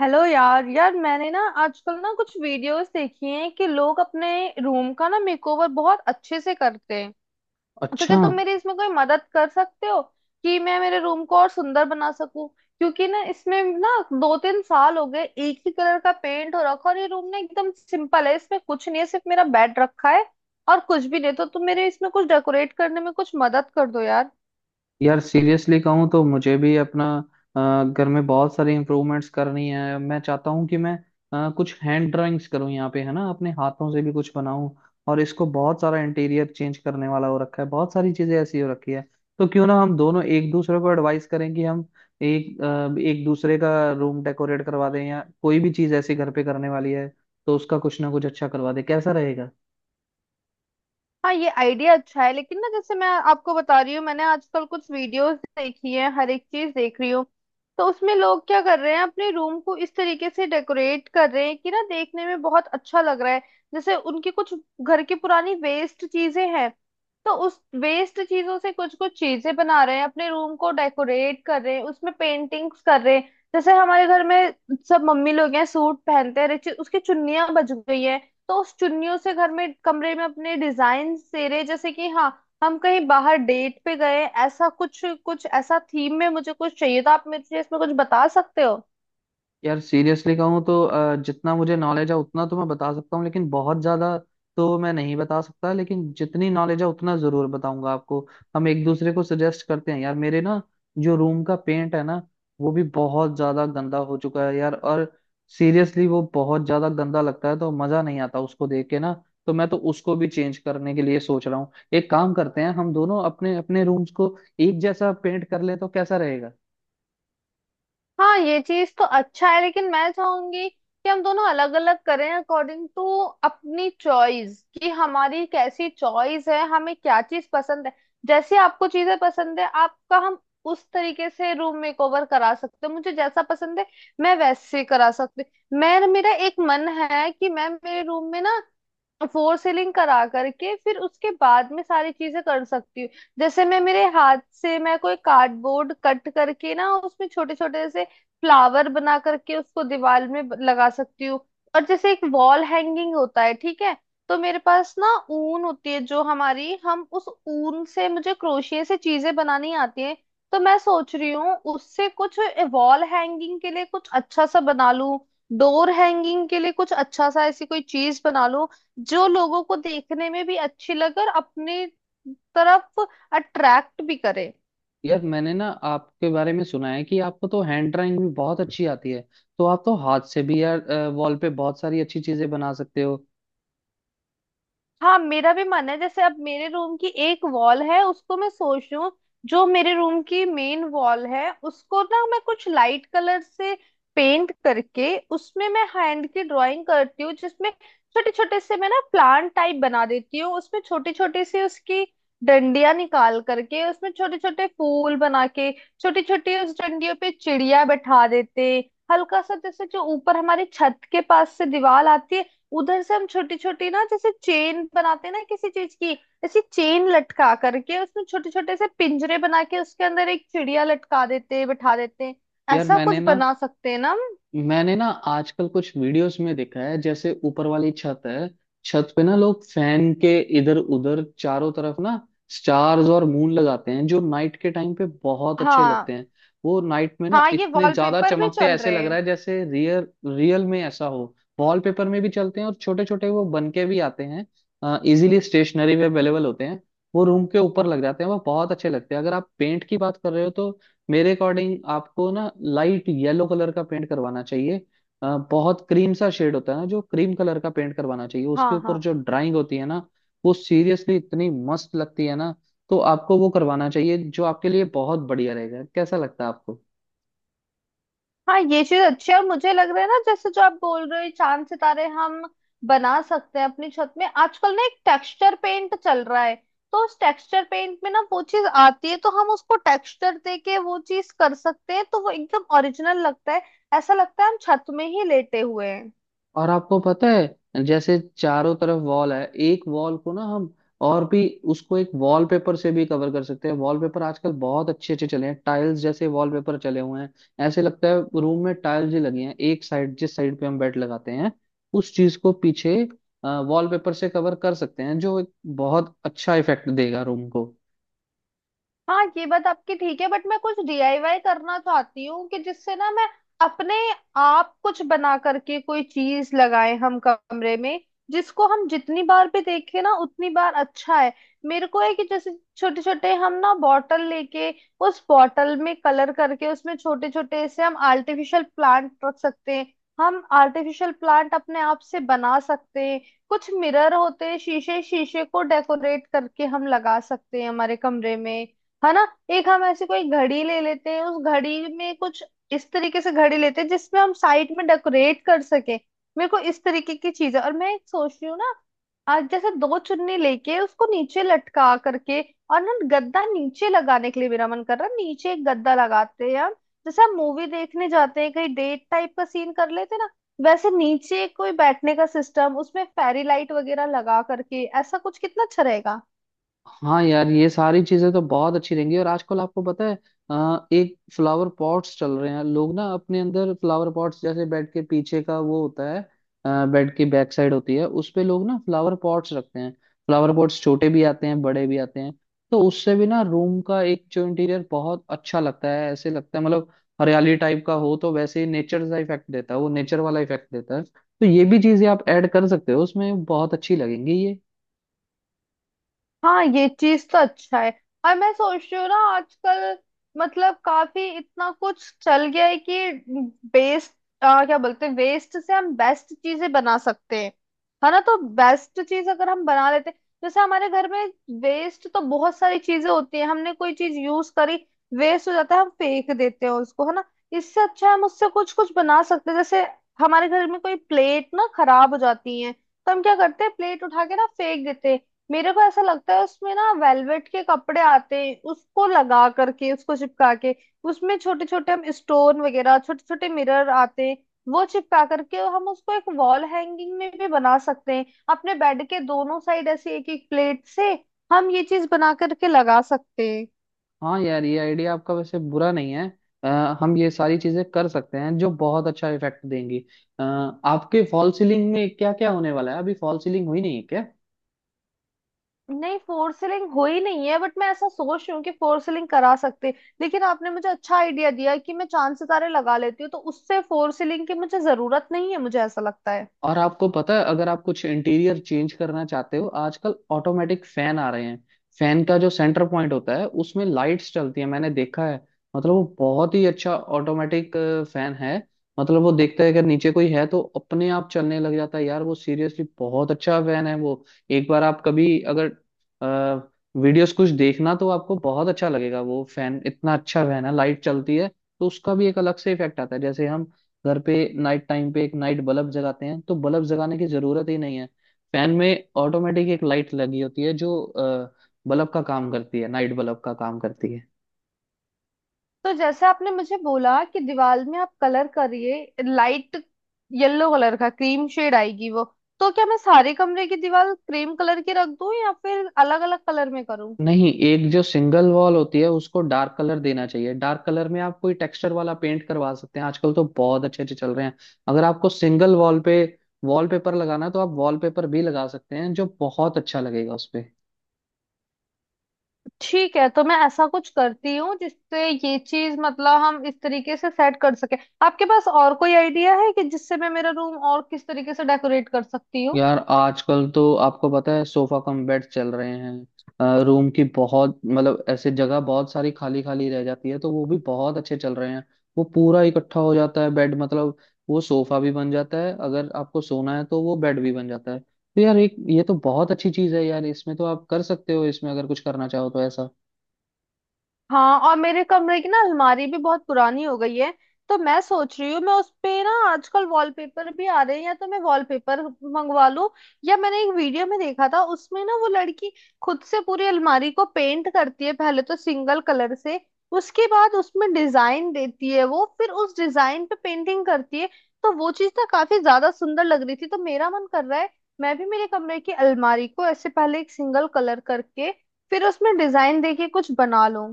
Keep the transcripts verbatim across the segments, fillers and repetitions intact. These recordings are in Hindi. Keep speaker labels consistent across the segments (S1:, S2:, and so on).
S1: हेलो यार यार मैंने ना आजकल ना कुछ वीडियोस देखी हैं कि लोग अपने रूम का ना मेकओवर बहुत अच्छे से करते हैं। तो क्या
S2: अच्छा।
S1: तुम मेरी इसमें कोई मदद कर सकते हो कि मैं मेरे रूम को और सुंदर बना सकूं? क्योंकि ना इसमें ना दो तीन साल हो गए एक ही कलर का पेंट हो रखा, और ये रूम ना एकदम सिंपल है, इसमें कुछ नहीं है, सिर्फ मेरा बेड रखा है और कुछ भी नहीं। तो तुम मेरे इसमें कुछ डेकोरेट करने में कुछ मदद कर दो यार।
S2: यार सीरियसली कहूँ तो मुझे भी अपना अ, घर में बहुत सारी इम्प्रूवमेंट्स करनी है। मैं चाहता हूँ कि मैं अ, कुछ हैंड ड्राइंग्स करूँ यहाँ पे, है ना, अपने हाथों से भी कुछ बनाऊं। और इसको बहुत सारा इंटीरियर चेंज करने वाला हो रखा है, बहुत सारी चीजें ऐसी हो रखी है। तो क्यों ना हम दोनों एक दूसरे को एडवाइस करें कि हम एक अ, एक दूसरे का रूम डेकोरेट करवा दें, या कोई भी चीज ऐसी घर पे करने वाली है तो उसका कुछ ना कुछ अच्छा करवा दें। कैसा रहेगा?
S1: हाँ, ये आइडिया अच्छा है, लेकिन ना जैसे मैं आपको बता रही हूँ, मैंने आजकल कुछ वीडियोस देखी है, हर एक चीज देख रही हूँ। तो उसमें लोग क्या कर रहे हैं, अपने रूम को इस तरीके से डेकोरेट कर रहे हैं कि ना देखने में बहुत अच्छा लग रहा है। जैसे उनके कुछ घर की पुरानी वेस्ट चीजें हैं, तो उस वेस्ट चीजों से कुछ कुछ चीजें बना रहे हैं, अपने रूम को डेकोरेट कर रहे हैं, उसमें पेंटिंग्स कर रहे हैं। जैसे हमारे घर में सब मम्मी लोग हैं, सूट पहनते हैं, हर एक चीज उसकी चुन्नियां बच गई है। तो उस चुन्नियों से घर में कमरे में अपने डिजाइन सेरे जैसे कि हाँ, हम कहीं बाहर डेट पे गए, ऐसा कुछ कुछ ऐसा थीम में मुझे कुछ चाहिए था। आप मुझे इसमें कुछ बता सकते हो?
S2: यार सीरियसली कहूँ तो अ, जितना मुझे नॉलेज है उतना तो मैं बता सकता हूँ, लेकिन बहुत ज्यादा तो मैं नहीं बता सकता। लेकिन जितनी नॉलेज है उतना जरूर बताऊंगा आपको। हम एक दूसरे को सजेस्ट करते हैं। यार, मेरे ना जो रूम का पेंट है ना, वो भी बहुत ज्यादा गंदा हो चुका है यार। और सीरियसली वो बहुत ज्यादा गंदा लगता है, तो मजा नहीं आता उसको देख के ना। तो मैं तो उसको भी चेंज करने के लिए सोच रहा हूँ। एक काम करते हैं, हम दोनों अपने अपने रूम्स को एक जैसा पेंट कर ले, तो कैसा रहेगा?
S1: हाँ, ये चीज तो अच्छा है, लेकिन मैं चाहूंगी कि हम दोनों अलग अलग करें अकॉर्डिंग टू अपनी चॉइस कि हमारी कैसी चॉइस है, हमें क्या चीज पसंद है। जैसे आपको चीजें पसंद है, आपका हम उस तरीके से रूम मेकओवर करा सकते हैं, मुझे जैसा पसंद है मैं वैसे करा सकती हूँ। मैं मेरा एक मन है कि मैं मेरे रूम में ना फोर सीलिंग करा करके फिर उसके बाद में सारी चीजें कर सकती हूँ। जैसे मैं मेरे हाथ से मैं कोई कार्डबोर्ड कट करके ना उसमें छोटे छोटे से फ्लावर बना करके उसको दीवार में ब- लगा सकती हूँ। और जैसे एक वॉल हैंगिंग होता है ठीक है। तो मेरे पास ना ऊन होती है, जो हमारी हम उस ऊन से मुझे क्रोशिए से चीजें बनानी आती हैं। तो मैं सोच रही हूँ उससे कुछ वॉल हैंगिंग के लिए कुछ अच्छा सा बना लूं, डोर हैंगिंग के लिए कुछ अच्छा सा ऐसी कोई चीज बना लूं जो लोगों को देखने में भी अच्छी लगे और अपनी तरफ अट्रैक्ट भी करे।
S2: यार मैंने ना आपके बारे में सुना है कि आपको तो हैंड ड्राइंग भी बहुत अच्छी आती है। तो आप तो हाथ से भी यार वॉल पे बहुत सारी अच्छी चीजें बना सकते हो।
S1: हाँ, मेरा भी मन है। जैसे अब मेरे रूम की एक वॉल है उसको मैं सोच रही हूँ, जो मेरे रूम की मेन वॉल है उसको ना मैं कुछ लाइट कलर से पेंट करके उसमें मैं हैंड की ड्राइंग करती हूँ, जिसमें छोटे छोटे से मैं ना प्लांट टाइप बना देती हूँ, उसमें छोटी छोटी सी उसकी डंडियां निकाल करके उसमें छोटे छोटे फूल बना के छोटी छोटी उस डंडियों पे चिड़िया बैठा देते। हल्का सा जैसे जो ऊपर हमारी छत के पास से दीवार आती है, उधर से हम छोटी छोटी ना जैसे चेन बनाते हैं ना किसी चीज की, ऐसी चेन लटका करके उसमें छोटे छोटे से पिंजरे बना के उसके अंदर एक चिड़िया लटका देते बिठा देते हैं,
S2: यार
S1: ऐसा कुछ
S2: मैंने ना
S1: बना सकते हैं ना हम।
S2: मैंने ना आजकल कुछ वीडियोस में देखा है, जैसे ऊपर वाली छत है, छत पे ना लोग फैन के इधर उधर चारों तरफ ना स्टार्स और मून लगाते हैं, जो नाइट के टाइम पे बहुत अच्छे लगते
S1: हाँ
S2: हैं। वो नाइट में ना
S1: हाँ ये
S2: इतने ज्यादा
S1: वॉलपेपर भी
S2: चमकते हैं,
S1: चल
S2: ऐसे
S1: रहे
S2: लग
S1: हैं।
S2: रहा है जैसे रियल रियल में ऐसा हो। वॉलपेपर में भी चलते हैं, और छोटे छोटे वो बन के भी आते हैं। इजीली स्टेशनरी में अवेलेबल होते हैं। वो रूम के ऊपर लग जाते हैं, वो बहुत अच्छे लगते हैं। अगर आप पेंट की बात कर रहे हो तो मेरे अकॉर्डिंग आपको ना लाइट येलो कलर का पेंट करवाना चाहिए। अ, बहुत क्रीम सा शेड होता है ना, जो क्रीम कलर का पेंट करवाना चाहिए। उसके
S1: हाँ
S2: ऊपर
S1: हाँ
S2: जो ड्राइंग होती है ना, वो सीरियसली इतनी मस्त लगती है ना। तो आपको वो करवाना चाहिए, जो आपके लिए बहुत बढ़िया रहेगा। कैसा लगता है आपको?
S1: हाँ, ये चीज अच्छी है, और मुझे लग रहा है ना जैसे जो आप बोल रहे हो, ये चांद सितारे हम बना सकते हैं अपनी छत में। आजकल ना एक टेक्सचर पेंट चल रहा है, तो उस टेक्सचर पेंट में ना वो चीज आती है, तो हम उसको टेक्सचर दे के वो चीज कर सकते हैं, तो वो एकदम ओरिजिनल लगता है, ऐसा लगता है हम छत में ही लेटे हुए हैं।
S2: और आपको पता है, जैसे चारों तरफ वॉल है, एक वॉल को ना हम और भी उसको एक वॉलपेपर से भी कवर कर सकते हैं। वॉलपेपर आजकल बहुत अच्छे अच्छे चले हैं, टाइल्स जैसे वॉलपेपर चले हुए हैं। ऐसे लगता है रूम में टाइल्स ही लगी हैं। एक साइड, जिस साइड पे हम बेड लगाते हैं, उस चीज को पीछे वॉलपेपर से कवर कर सकते हैं, जो एक बहुत अच्छा इफेक्ट देगा रूम को।
S1: हाँ, ये बात आपकी ठीक है, बट मैं कुछ डीआईवाई करना चाहती हूँ कि जिससे ना मैं अपने आप कुछ बना करके कोई चीज लगाए हम कमरे में, जिसको हम जितनी बार भी देखें ना उतनी बार अच्छा है। मेरे को है कि जैसे छोटे छोटे हम ना बॉटल लेके उस बॉटल में कलर करके उसमें छोटे छोटे से हम आर्टिफिशियल प्लांट रख सकते हैं, हम आर्टिफिशियल प्लांट अपने आप से बना सकते हैं। कुछ मिरर होते हैं, शीशे शीशे को डेकोरेट करके हम लगा सकते हैं हमारे कमरे में, है ना। एक हम ऐसी कोई घड़ी ले लेते हैं, उस घड़ी में कुछ इस तरीके से घड़ी लेते हैं जिसमें हम साइड में डेकोरेट कर सके, मेरे को इस तरीके की चीज है। और मैं एक सोच रही हूँ ना आज जैसे दो चुन्नी लेके उसको नीचे लटका करके और ना गद्दा नीचे लगाने के लिए मेरा मन कर रहा है, नीचे एक गद्दा लगाते हैं हम। जैसे हम मूवी देखने जाते हैं कहीं, डेट टाइप का सीन कर लेते हैं ना, वैसे नीचे कोई बैठने का सिस्टम, उसमें फेरी लाइट वगैरह लगा करके ऐसा कुछ कितना अच्छा रहेगा।
S2: हाँ यार, ये सारी चीजें तो बहुत अच्छी रहेंगी। और आजकल आपको पता है, अ, एक फ्लावर पॉट्स चल रहे हैं। लोग ना अपने अंदर फ्लावर पॉट्स, जैसे बेड के पीछे का वो होता है, बेड की बैक साइड होती है, उस पे लोग ना फ्लावर पॉट्स रखते हैं। फ्लावर पॉट्स छोटे भी आते हैं, बड़े भी आते हैं। तो उससे भी ना रूम का एक जो इंटीरियर बहुत अच्छा लगता है, ऐसे लगता है, मतलब हरियाली टाइप का हो तो वैसे ही नेचर का इफेक्ट देता है। वो नेचर वाला इफेक्ट देता है, तो ये भी चीजें आप ऐड कर सकते हो उसमें, बहुत अच्छी लगेंगी।
S1: हाँ, ये चीज तो अच्छा है। और मैं सोच रही हूँ ना आजकल मतलब काफी इतना कुछ चल गया है कि बेस्ट, क्या बोलते हैं, वेस्ट से हम बेस्ट चीजें बना सकते हैं, है ना। तो बेस्ट चीज अगर हम बना लेते हैं। जैसे हमारे घर में वेस्ट तो बहुत सारी चीजें होती है, हमने कोई चीज यूज करी, वेस्ट हो जाता है, हम फेंक देते हैं उसको, है ना। इससे अच्छा है हम उससे कुछ कुछ बना सकते हैं। जैसे हमारे घर में कोई प्लेट ना खराब हो जाती है, तो हम क्या करते हैं, प्लेट उठा के ना फेंक देते हैं। मेरे को ऐसा लगता है उसमें ना वेलवेट के कपड़े आते हैं, उसको लगा करके उसको चिपका के उसमें छोटे छोटे हम स्टोन वगैरह, छोटे छोटे मिरर आते हैं, वो चिपका करके हम उसको एक वॉल हैंगिंग में भी बना सकते हैं, अपने बेड के दोनों साइड ऐसे एक एक प्लेट से हम ये चीज बना करके लगा सकते हैं।
S2: हाँ यार, ये आइडिया आपका वैसे बुरा नहीं है। अ, हम ये सारी चीजें कर सकते हैं, जो बहुत अच्छा इफेक्ट देंगी। अ, आपके फॉल सीलिंग में क्या क्या होने वाला है? अभी फॉल सीलिंग हुई नहीं है क्या?
S1: नहीं, फोर सीलिंग हो ही नहीं है, बट मैं ऐसा सोच रही हूँ कि फोर सीलिंग करा सकते हैं। लेकिन आपने मुझे अच्छा आइडिया दिया है कि मैं चांद सितारे लगा लेती हूँ, तो उससे फोर सीलिंग की मुझे जरूरत नहीं है, मुझे ऐसा लगता है।
S2: और आपको पता है, अगर आप कुछ इंटीरियर चेंज करना चाहते हो, आजकल ऑटोमेटिक फैन आ रहे हैं। फैन का जो सेंटर पॉइंट होता है उसमें लाइट्स चलती है, मैंने देखा है। मतलब वो बहुत ही अच्छा ऑटोमेटिक फैन है। मतलब वो देखता है अगर नीचे कोई है तो अपने आप चलने लग जाता है। यार वो सीरियसली बहुत अच्छा फैन है वो। एक बार आप कभी अगर वीडियोस कुछ देखना तो आपको बहुत अच्छा लगेगा। वो फैन इतना अच्छा फैन है, लाइट चलती है, तो उसका भी एक अलग से इफेक्ट आता है। जैसे हम घर पे नाइट टाइम पे एक नाइट बल्ब जगाते हैं, तो बल्ब जगाने की जरूरत ही नहीं है। फैन में ऑटोमेटिक एक लाइट लगी होती है, जो अ, बल्ब का काम करती है, नाइट बल्ब का काम करती है।
S1: तो जैसे आपने मुझे बोला कि दीवार में आप कलर करिए लाइट येलो कलर का, क्रीम शेड आएगी वो, तो क्या मैं सारे कमरे की दीवार क्रीम कलर की रख दूं या फिर अलग अलग कलर में करूं?
S2: नहीं, एक जो सिंगल वॉल होती है उसको डार्क कलर देना चाहिए। डार्क कलर में आप कोई टेक्सचर वाला पेंट करवा सकते हैं, आजकल तो बहुत अच्छे अच्छे चल रहे हैं। अगर आपको सिंगल वॉल पे वॉलपेपर लगाना है तो आप वॉलपेपर भी लगा सकते हैं, जो बहुत अच्छा लगेगा उस पे।
S1: ठीक है, तो मैं ऐसा कुछ करती हूँ जिससे ये चीज, मतलब हम इस तरीके से सेट कर सके। आपके पास और कोई आइडिया है कि जिससे मैं मेरा रूम और किस तरीके से डेकोरेट कर सकती हूँ?
S2: यार आजकल तो आपको पता है, सोफा कम बेड चल रहे हैं। रूम की बहुत, मतलब ऐसे जगह बहुत सारी खाली खाली रह जाती है, तो वो भी बहुत अच्छे चल रहे हैं। वो पूरा इकट्ठा हो जाता है बेड, मतलब वो सोफा भी बन जाता है, अगर आपको सोना है तो वो बेड भी बन जाता है। तो यार एक ये तो बहुत अच्छी चीज है यार, इसमें तो आप कर सकते हो इसमें, अगर कुछ करना चाहो तो ऐसा।
S1: हाँ, और मेरे कमरे की ना अलमारी भी बहुत पुरानी हो गई है, तो मैं सोच रही हूँ मैं उस पे ना आजकल वॉलपेपर भी आ रहे हैं, या तो मैं वॉलपेपर मंगवा लूँ, या मैंने एक वीडियो में देखा था उसमें ना वो लड़की खुद से पूरी अलमारी को पेंट करती है, पहले तो सिंगल कलर से, उसके बाद उसमें डिजाइन देती है, वो फिर उस डिजाइन पे पेंटिंग करती है, तो वो चीज ना काफी ज्यादा सुंदर लग रही थी, तो मेरा मन कर रहा है मैं भी मेरे कमरे की अलमारी को ऐसे पहले एक सिंगल कलर करके फिर उसमें डिजाइन देके कुछ बना लूं।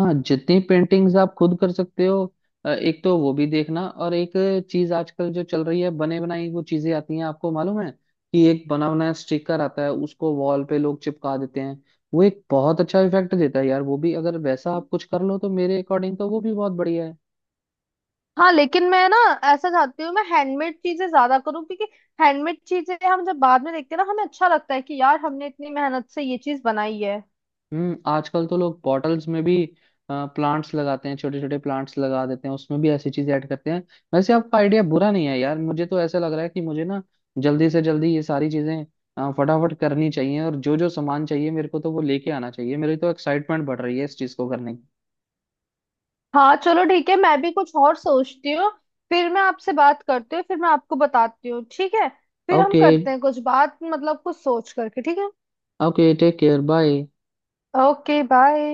S2: हाँ, जितनी पेंटिंग्स आप खुद कर सकते हो अ, एक तो वो भी देखना। और एक चीज आजकल जो चल रही है, बने बनाई वो चीजें आती हैं, आपको मालूम है, कि एक बना बनाया स्टिकर आता है, उसको वॉल पे लोग चिपका देते हैं। वो एक बहुत अच्छा इफेक्ट देता है यार। वो भी अगर वैसा आप कुछ कर लो, तो मेरे अकॉर्डिंग तो वो भी बहुत बढ़िया है।
S1: हाँ, लेकिन मैं ना ऐसा चाहती हूँ मैं हैंडमेड चीजें ज्यादा करूँ, क्योंकि हैंडमेड चीजें हम जब बाद में देखते हैं ना, हमें अच्छा लगता है कि यार हमने इतनी मेहनत से ये चीज बनाई है।
S2: हम्म। आजकल तो लोग बॉटल्स में भी प्लांट्स लगाते हैं, छोटे छोटे प्लांट्स लगा देते हैं, उसमें भी ऐसी चीजें ऐड करते हैं। वैसे आपका आइडिया बुरा नहीं है यार। मुझे तो ऐसा लग रहा है कि मुझे ना जल्दी से जल्दी ये सारी चीजें अ, फटाफट करनी चाहिए। और जो जो सामान चाहिए मेरे को तो वो लेके आना चाहिए। मेरी तो एक्साइटमेंट बढ़ रही है इस चीज को करने की।
S1: हाँ चलो ठीक है, मैं भी कुछ और सोचती हूँ, फिर मैं आपसे बात करती हूँ, फिर मैं आपको बताती हूँ, ठीक है? फिर हम
S2: ओके।
S1: करते हैं कुछ बात, मतलब कुछ सोच करके, ठीक है।
S2: Okay, take care, bye.
S1: Okay, bye.